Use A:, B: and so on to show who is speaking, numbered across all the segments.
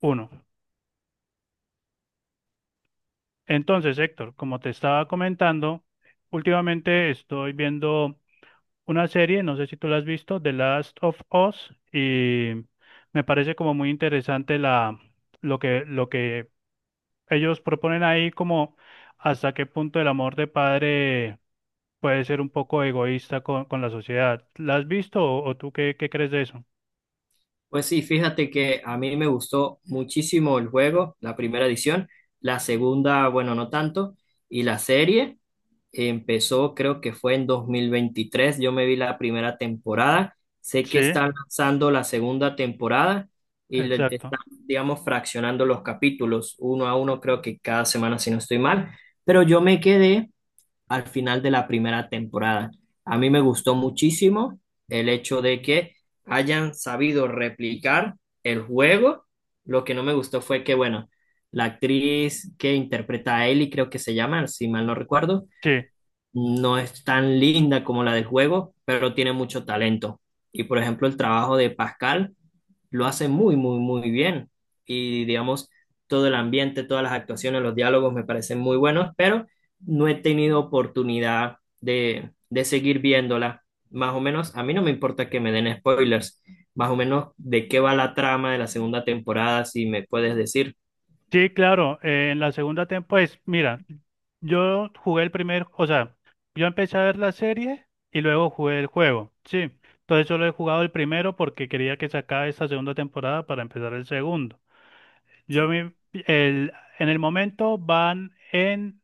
A: Uno. Entonces, Héctor, como te estaba comentando, últimamente estoy viendo una serie, no sé si tú la has visto, The Last of Us, y me parece como muy interesante lo que ellos proponen ahí, como hasta qué punto el amor de padre puede ser un poco egoísta con la sociedad. ¿La has visto o tú qué crees de eso?
B: Pues sí, fíjate que a mí me gustó muchísimo el juego, la primera edición, la segunda, bueno, no tanto, y la serie empezó, creo que fue en 2023. Yo me vi la primera temporada, sé que
A: Sí,
B: están lanzando la segunda temporada y le están,
A: exacto.
B: digamos, fraccionando los capítulos uno a uno, creo que cada semana, si no estoy mal, pero yo me quedé al final de la primera temporada. A mí me gustó muchísimo el hecho de que hayan sabido replicar el juego. Lo que no me gustó fue que, bueno, la actriz que interpreta a Ellie, creo que se llama, si mal no recuerdo,
A: Sí.
B: no es tan linda como la del juego, pero tiene mucho talento. Y por ejemplo, el trabajo de Pascal lo hace muy, muy, muy bien. Y digamos, todo el ambiente, todas las actuaciones, los diálogos me parecen muy buenos, pero no he tenido oportunidad de seguir viéndola. Más o menos, a mí no me importa que me den spoilers, más o menos de qué va la trama de la segunda temporada, si me puedes decir.
A: Sí, claro, en la segunda temporada, pues mira, yo jugué el primer, o sea, yo empecé a ver la serie y luego jugué el juego, sí. Entonces solo he jugado el primero porque quería que se acabe esta segunda temporada para empezar el segundo. Yo me- el, en el momento van en,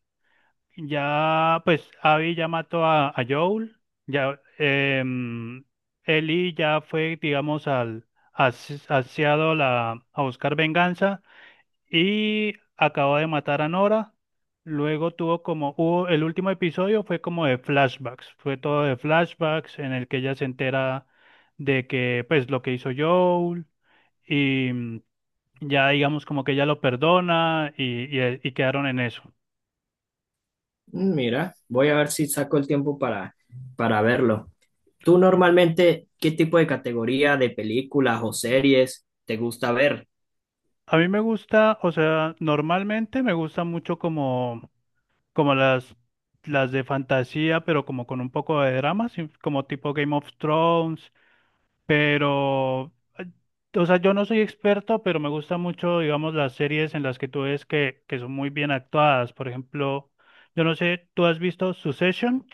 A: ya, pues Abby ya mató a Joel, ya, Ellie ya fue, digamos, hacia a buscar venganza y acabó de matar a Nora. Luego tuvo como, el último episodio fue como de flashbacks, fue todo de flashbacks en el que ella se entera de que, pues, lo que hizo Joel y ya digamos como que ella lo perdona y quedaron en eso.
B: Mm, mira, voy a ver si saco el tiempo para verlo. ¿Tú normalmente qué tipo de categoría de películas o series te gusta ver?
A: A mí me gusta, o sea, normalmente me gusta mucho como las de fantasía, pero como con un poco de drama, sí, como tipo Game of Thrones. Pero, eh, o sea, yo no soy experto, pero me gusta mucho, digamos, las series en las que tú ves que son muy bien actuadas. Por ejemplo, yo no sé, ¿tú has visto Succession?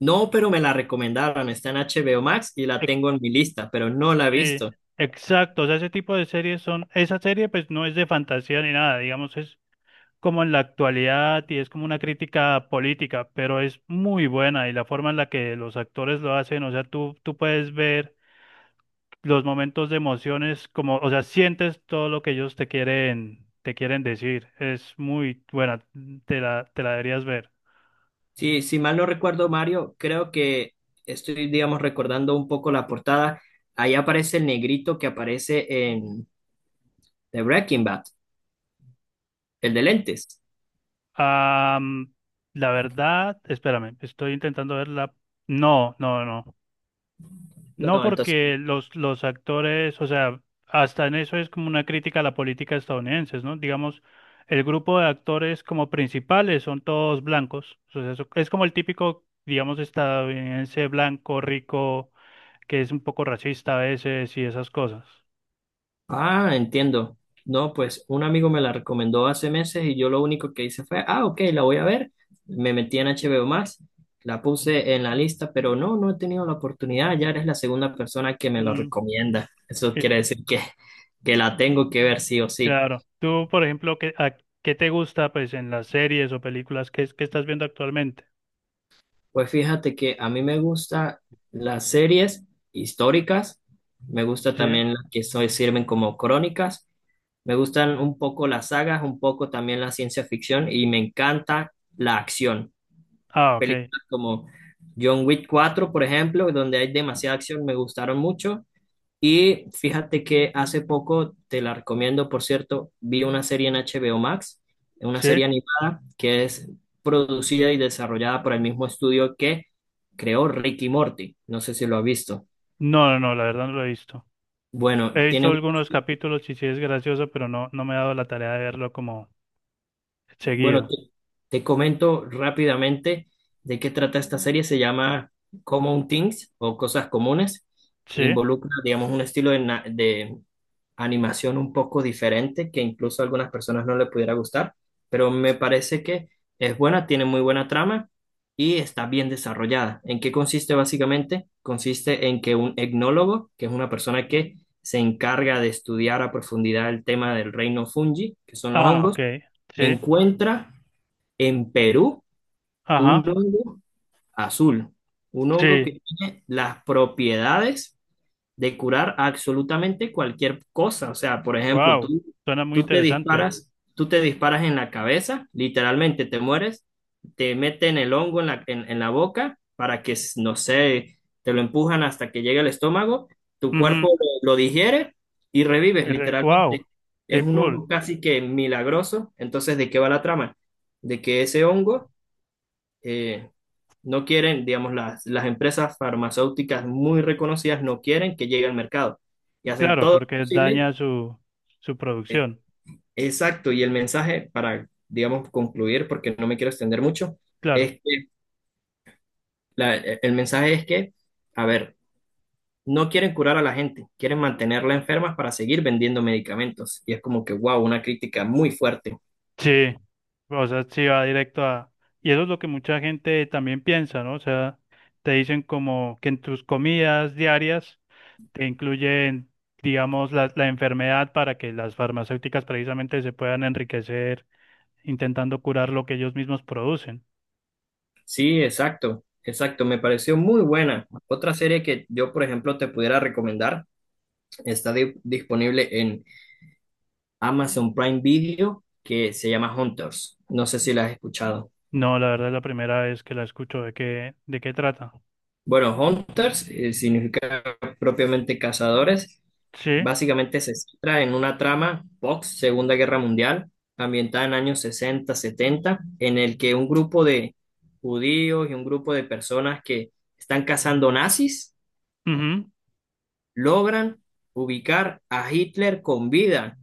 B: No, pero me la recomendaron, está en HBO Max y la tengo
A: Ex-
B: en mi lista, pero no la he
A: eh,
B: visto.
A: exacto, o sea, ese tipo de series son, esa serie pues no es de fantasía ni nada, digamos, es como en la actualidad y es como una crítica política, pero es muy buena y la forma en la que los actores lo hacen, o sea, tú puedes ver los momentos de emociones, como, o sea, sientes todo lo que ellos te quieren decir. Es muy buena, te la deberías ver.
B: Sí, si mal no recuerdo, Mario, creo que estoy, digamos, recordando un poco la portada. Ahí aparece el negrito que aparece en The Breaking Bad, el de lentes.
A: Am, la verdad, espérame, estoy intentando verla. No, no, no. No
B: No, entonces
A: porque los actores, o sea, hasta en eso es como una crítica a la política estadounidense, ¿no? Digamos, el grupo de actores como principales son todos blancos. O sea, es como el típico, digamos, estadounidense blanco, rico que es un poco racista a veces y esas cosas.
B: ah, entiendo. No, pues un amigo me la recomendó hace meses y yo lo único que hice fue, ah, ok, la voy a ver. Me metí en HBO Max, la puse en la lista, pero no, no he tenido la oportunidad. Ya eres la segunda persona que me lo
A: Mm,
B: recomienda. Eso
A: que-
B: quiere decir que la tengo que ver sí o sí.
A: claro. Tú, por ejemplo, ¿qué, qué te gusta pues en las series o películas que estás viendo actualmente?
B: Pues fíjate que a mí me gustan las series históricas, me gusta
A: ¿Sí?
B: también las que so- sirven como crónicas. Me gustan un poco las sagas, un poco también la ciencia ficción y me encanta la acción.
A: Ah, ok.
B: Películas como John Wick 4, por ejemplo, donde hay demasiada acción, me gustaron mucho. Y fíjate que hace poco, te la recomiendo, por cierto, vi una serie en HBO Max, una
A: ¿Sí?
B: serie animada que es producida y desarrollada por el mismo estudio que creó Rick y Morty. No sé si lo has visto.
A: No, no, no, la verdad no lo he visto.
B: Bueno,
A: He visto
B: tiene.
A: algunos capítulos y sí es gracioso, pero no, no me he dado la tarea de verlo como
B: Bueno,
A: seguido.
B: te comento rápidamente de qué trata esta serie. Se llama Common Things o Cosas Comunes.
A: ¿Sí?
B: Involucra, digamos, un estilo de, na- de animación un poco diferente que incluso a algunas personas no le pudiera gustar, pero me parece que es buena, tiene muy buena trama y está bien desarrollada. ¿En qué consiste básicamente? Consiste en que un etnólogo, que es una persona que se encarga de estudiar a profundidad el tema del reino fungi, que son los
A: Ah,
B: hongos,
A: ok. Sí.
B: encuentra en Perú, un
A: Ajá.
B: hongo azul, un hongo
A: Sí.
B: que tiene las propiedades de curar absolutamente cualquier cosa. O sea, por ejemplo,
A: Wow.
B: tú,
A: Suena muy
B: tú te
A: interesante.
B: disparas, tú te disparas en la cabeza, literalmente te mueres, te meten el hongo en en la boca para que, no sé, te lo empujan hasta que llegue al estómago, tu cuerpo lo digiere y revives,
A: Wow.
B: literalmente. Es
A: Qué
B: un
A: cool.
B: hongo casi que milagroso. Entonces, ¿de qué va la trama? De que ese hongo eh, no quieren, digamos, las empresas farmacéuticas muy reconocidas no quieren que llegue al mercado y hacen
A: Claro,
B: todo lo
A: porque
B: posible.
A: daña su
B: eh,
A: producción.
B: exacto, y el mensaje para, digamos, concluir, porque no me quiero extender mucho,
A: Claro,
B: es que el mensaje es que, a ver, no quieren curar a la gente, quieren mantenerla enferma para seguir vendiendo medicamentos. Y es como que, wow, una crítica muy fuerte.
A: sí, o sea, sí va directo a... Y eso es lo que mucha gente también piensa, ¿no? O sea, te dicen como que en tus comidas diarias te incluyen, digamos, la enfermedad para que las farmacéuticas precisamente se puedan enriquecer intentando curar lo que ellos mismos producen.
B: Sí, exacto, exacto, me pareció muy buena. Otra serie que yo, por ejemplo, te pudiera recomendar. Está di- disponible en Amazon Prime Video, que se llama Hunters. No sé si la has escuchado.
A: No, la verdad es la primera vez que la escucho de qué trata.
B: Bueno, Hunters significa propiamente cazadores.
A: Sí,
B: Básicamente se centra en una trama post Segunda Guerra Mundial, ambientada en años 60, 70, en el que un grupo de judíos y un grupo de personas que están cazando nazis
A: ujú.
B: logran ubicar a Hitler con vida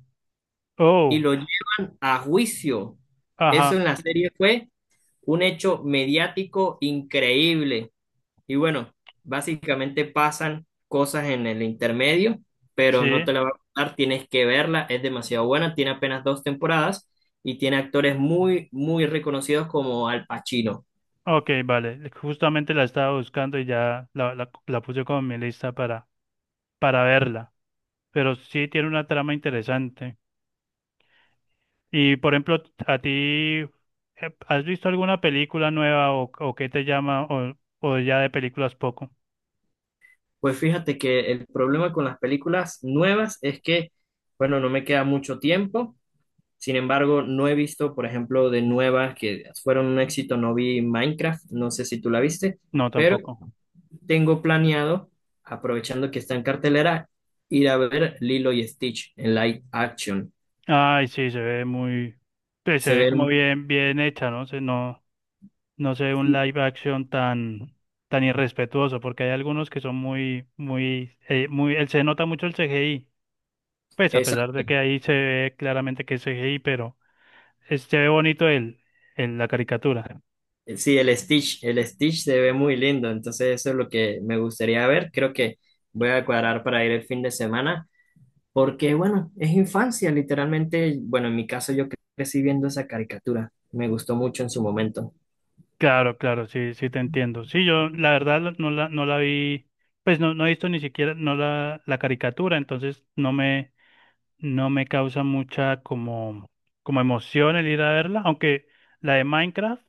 B: y
A: Oh,
B: lo llevan a juicio.
A: ajá,
B: Eso en la serie fue un hecho mediático increíble. Y bueno, básicamente pasan cosas en el intermedio, pero no
A: sí.
B: te la voy a contar, tienes que verla, es demasiado buena, tiene apenas dos temporadas y tiene actores muy, muy reconocidos como Al Pacino.
A: Ok, vale. Justamente la estaba buscando y ya la puse como en mi lista para verla, pero sí tiene una trama interesante. Y por ejemplo, ¿a ti has visto alguna película nueva o qué te llama o ya de películas poco?
B: Pues fíjate que el problema con las películas nuevas es que, bueno, no me queda mucho tiempo. Sin embargo, no he visto, por ejemplo, de nuevas que fueron un éxito, no vi Minecraft, no sé si tú la viste,
A: No,
B: pero
A: tampoco.
B: tengo planeado, aprovechando que está en cartelera, ir a ver Lilo y Stitch en live action.
A: Ay, sí, se ve muy, pues, se
B: Se
A: ve
B: ve,
A: como
B: herm-
A: bien, bien hecha, ¿no? No, no se ve un
B: sí,
A: live action tan, tan irrespetuoso, porque hay algunos que son muy, muy, muy, él se nota mucho el CGI, pues a pesar de que
B: exacto.
A: ahí se ve claramente que es CGI, pero se ve bonito la caricatura.
B: Sí, el Stitch se ve muy lindo, entonces eso es lo que me gustaría ver. Creo que voy a cuadrar para ir el fin de semana, porque bueno, es infancia, literalmente. Bueno, en mi caso yo cre- crecí viendo esa caricatura, me gustó mucho en su momento.
A: Claro, claro, sí, sí te entiendo. Sí, yo la verdad no no la vi, pues no, no he visto ni siquiera no la caricatura, entonces no no me causa mucha como, como emoción el ir a verla, aunque la de Minecraft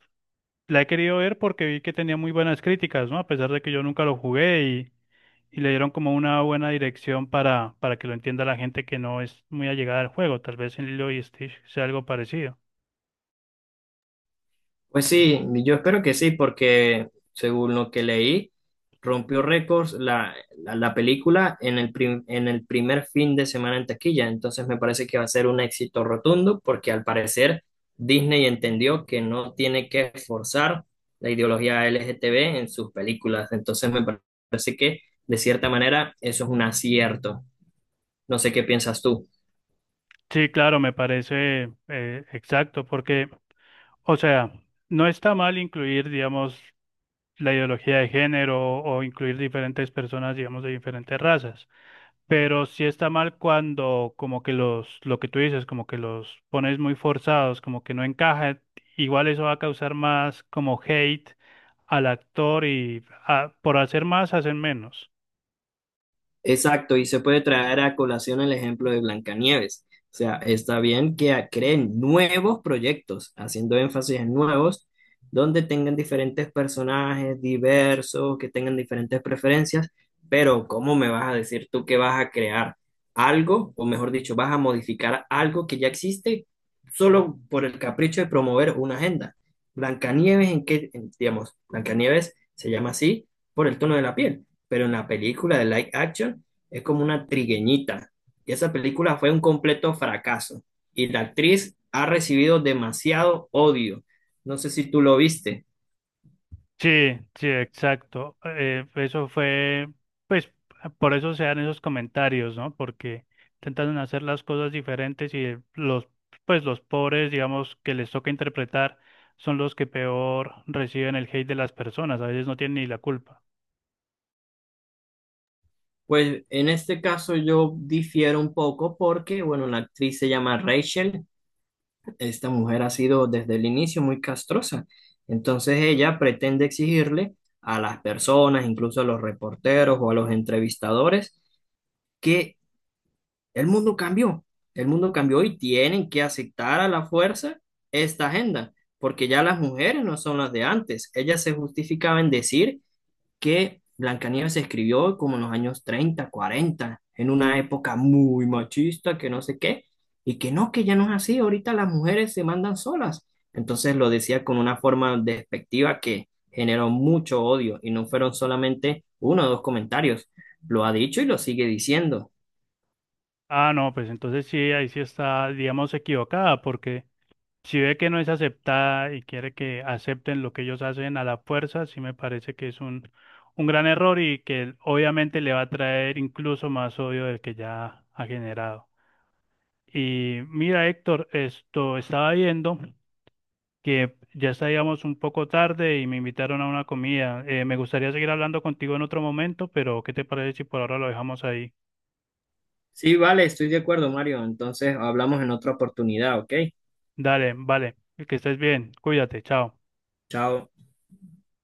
A: la he querido ver porque vi que tenía muy buenas críticas, ¿no? A pesar de que yo nunca lo jugué y le dieron como una buena dirección para que lo entienda la gente que no es muy allegada al juego, tal vez en Lilo y Stitch sea algo parecido.
B: Pues sí, yo espero que sí, porque según lo que leí, rompió récords la película en en el primer fin de semana en taquilla. Entonces me parece que va a ser un éxito rotundo, porque al parecer Disney entendió que no tiene que forzar la ideología LGTB en sus películas. Entonces me parece que, de cierta manera, eso es un acierto. No sé qué piensas tú.
A: Sí, claro, me parece exacto, porque o sea, no está mal incluir, digamos, la ideología de género o incluir diferentes personas, digamos, de diferentes razas, pero sí está mal cuando como que lo que tú dices, como que los pones muy forzados, como que no encaja, igual eso va a causar más como hate al actor y ah, por hacer más hacen menos.
B: Exacto, y se puede traer a colación el ejemplo de Blancanieves. O sea, está bien que a- creen nuevos proyectos, haciendo énfasis en nuevos, donde tengan diferentes personajes diversos, que tengan diferentes preferencias, pero ¿cómo me vas a decir tú que vas a crear algo, o mejor dicho, vas a modificar algo que ya existe solo por el capricho de promover una agenda? Blancanieves, ¿en qué, en- digamos, Blancanieves se llama así por el tono de la piel, pero en la película de live action es como una trigueñita. Y esa película fue un completo fracaso. Y la actriz ha recibido demasiado odio. No sé si tú lo viste.
A: Sí, sí, exacto. Eso fue, pues, por eso se dan esos comentarios, ¿no? Porque intentan hacer las cosas diferentes y los, pues, los pobres, digamos, que les toca interpretar, son los que peor reciben el hate de las personas. A veces no tienen ni la culpa.
B: Pues en este caso yo difiero un poco porque, bueno, la actriz se llama Rachel. Esta mujer ha sido desde el inicio muy castrosa. Entonces ella pretende exigirle a las personas, incluso a los reporteros o a los entrevistadores, que el mundo cambió, el mundo cambió y tienen que aceptar a la fuerza esta agenda, porque ya las mujeres no son las de antes. Ellas se justificaban decir que Blancanieves se escribió como en los años 30, 40, en una época muy machista, que no sé qué, y que no, que ya no es así. Ahorita las mujeres se mandan solas. Entonces lo decía con una forma despectiva que generó mucho odio y no fueron solamente uno o dos comentarios. Lo ha dicho y lo sigue diciendo.
A: Ah, no, pues entonces sí, ahí sí está, digamos, equivocada, porque si ve que no es aceptada y quiere que acepten lo que ellos hacen a la fuerza, sí me parece que es un gran error y que obviamente le va a traer incluso más odio del que ya ha generado. Y mira, Héctor, esto estaba viendo que ya estábamos un poco tarde y me invitaron a una comida. Me gustaría seguir hablando contigo en otro momento, pero ¿qué te parece si por ahora lo dejamos ahí?
B: Sí, vale, estoy de acuerdo, Mario. Entonces hablamos en otra oportunidad, ¿ok?
A: Dale, vale, que estés bien, cuídate, chao.
B: Chao.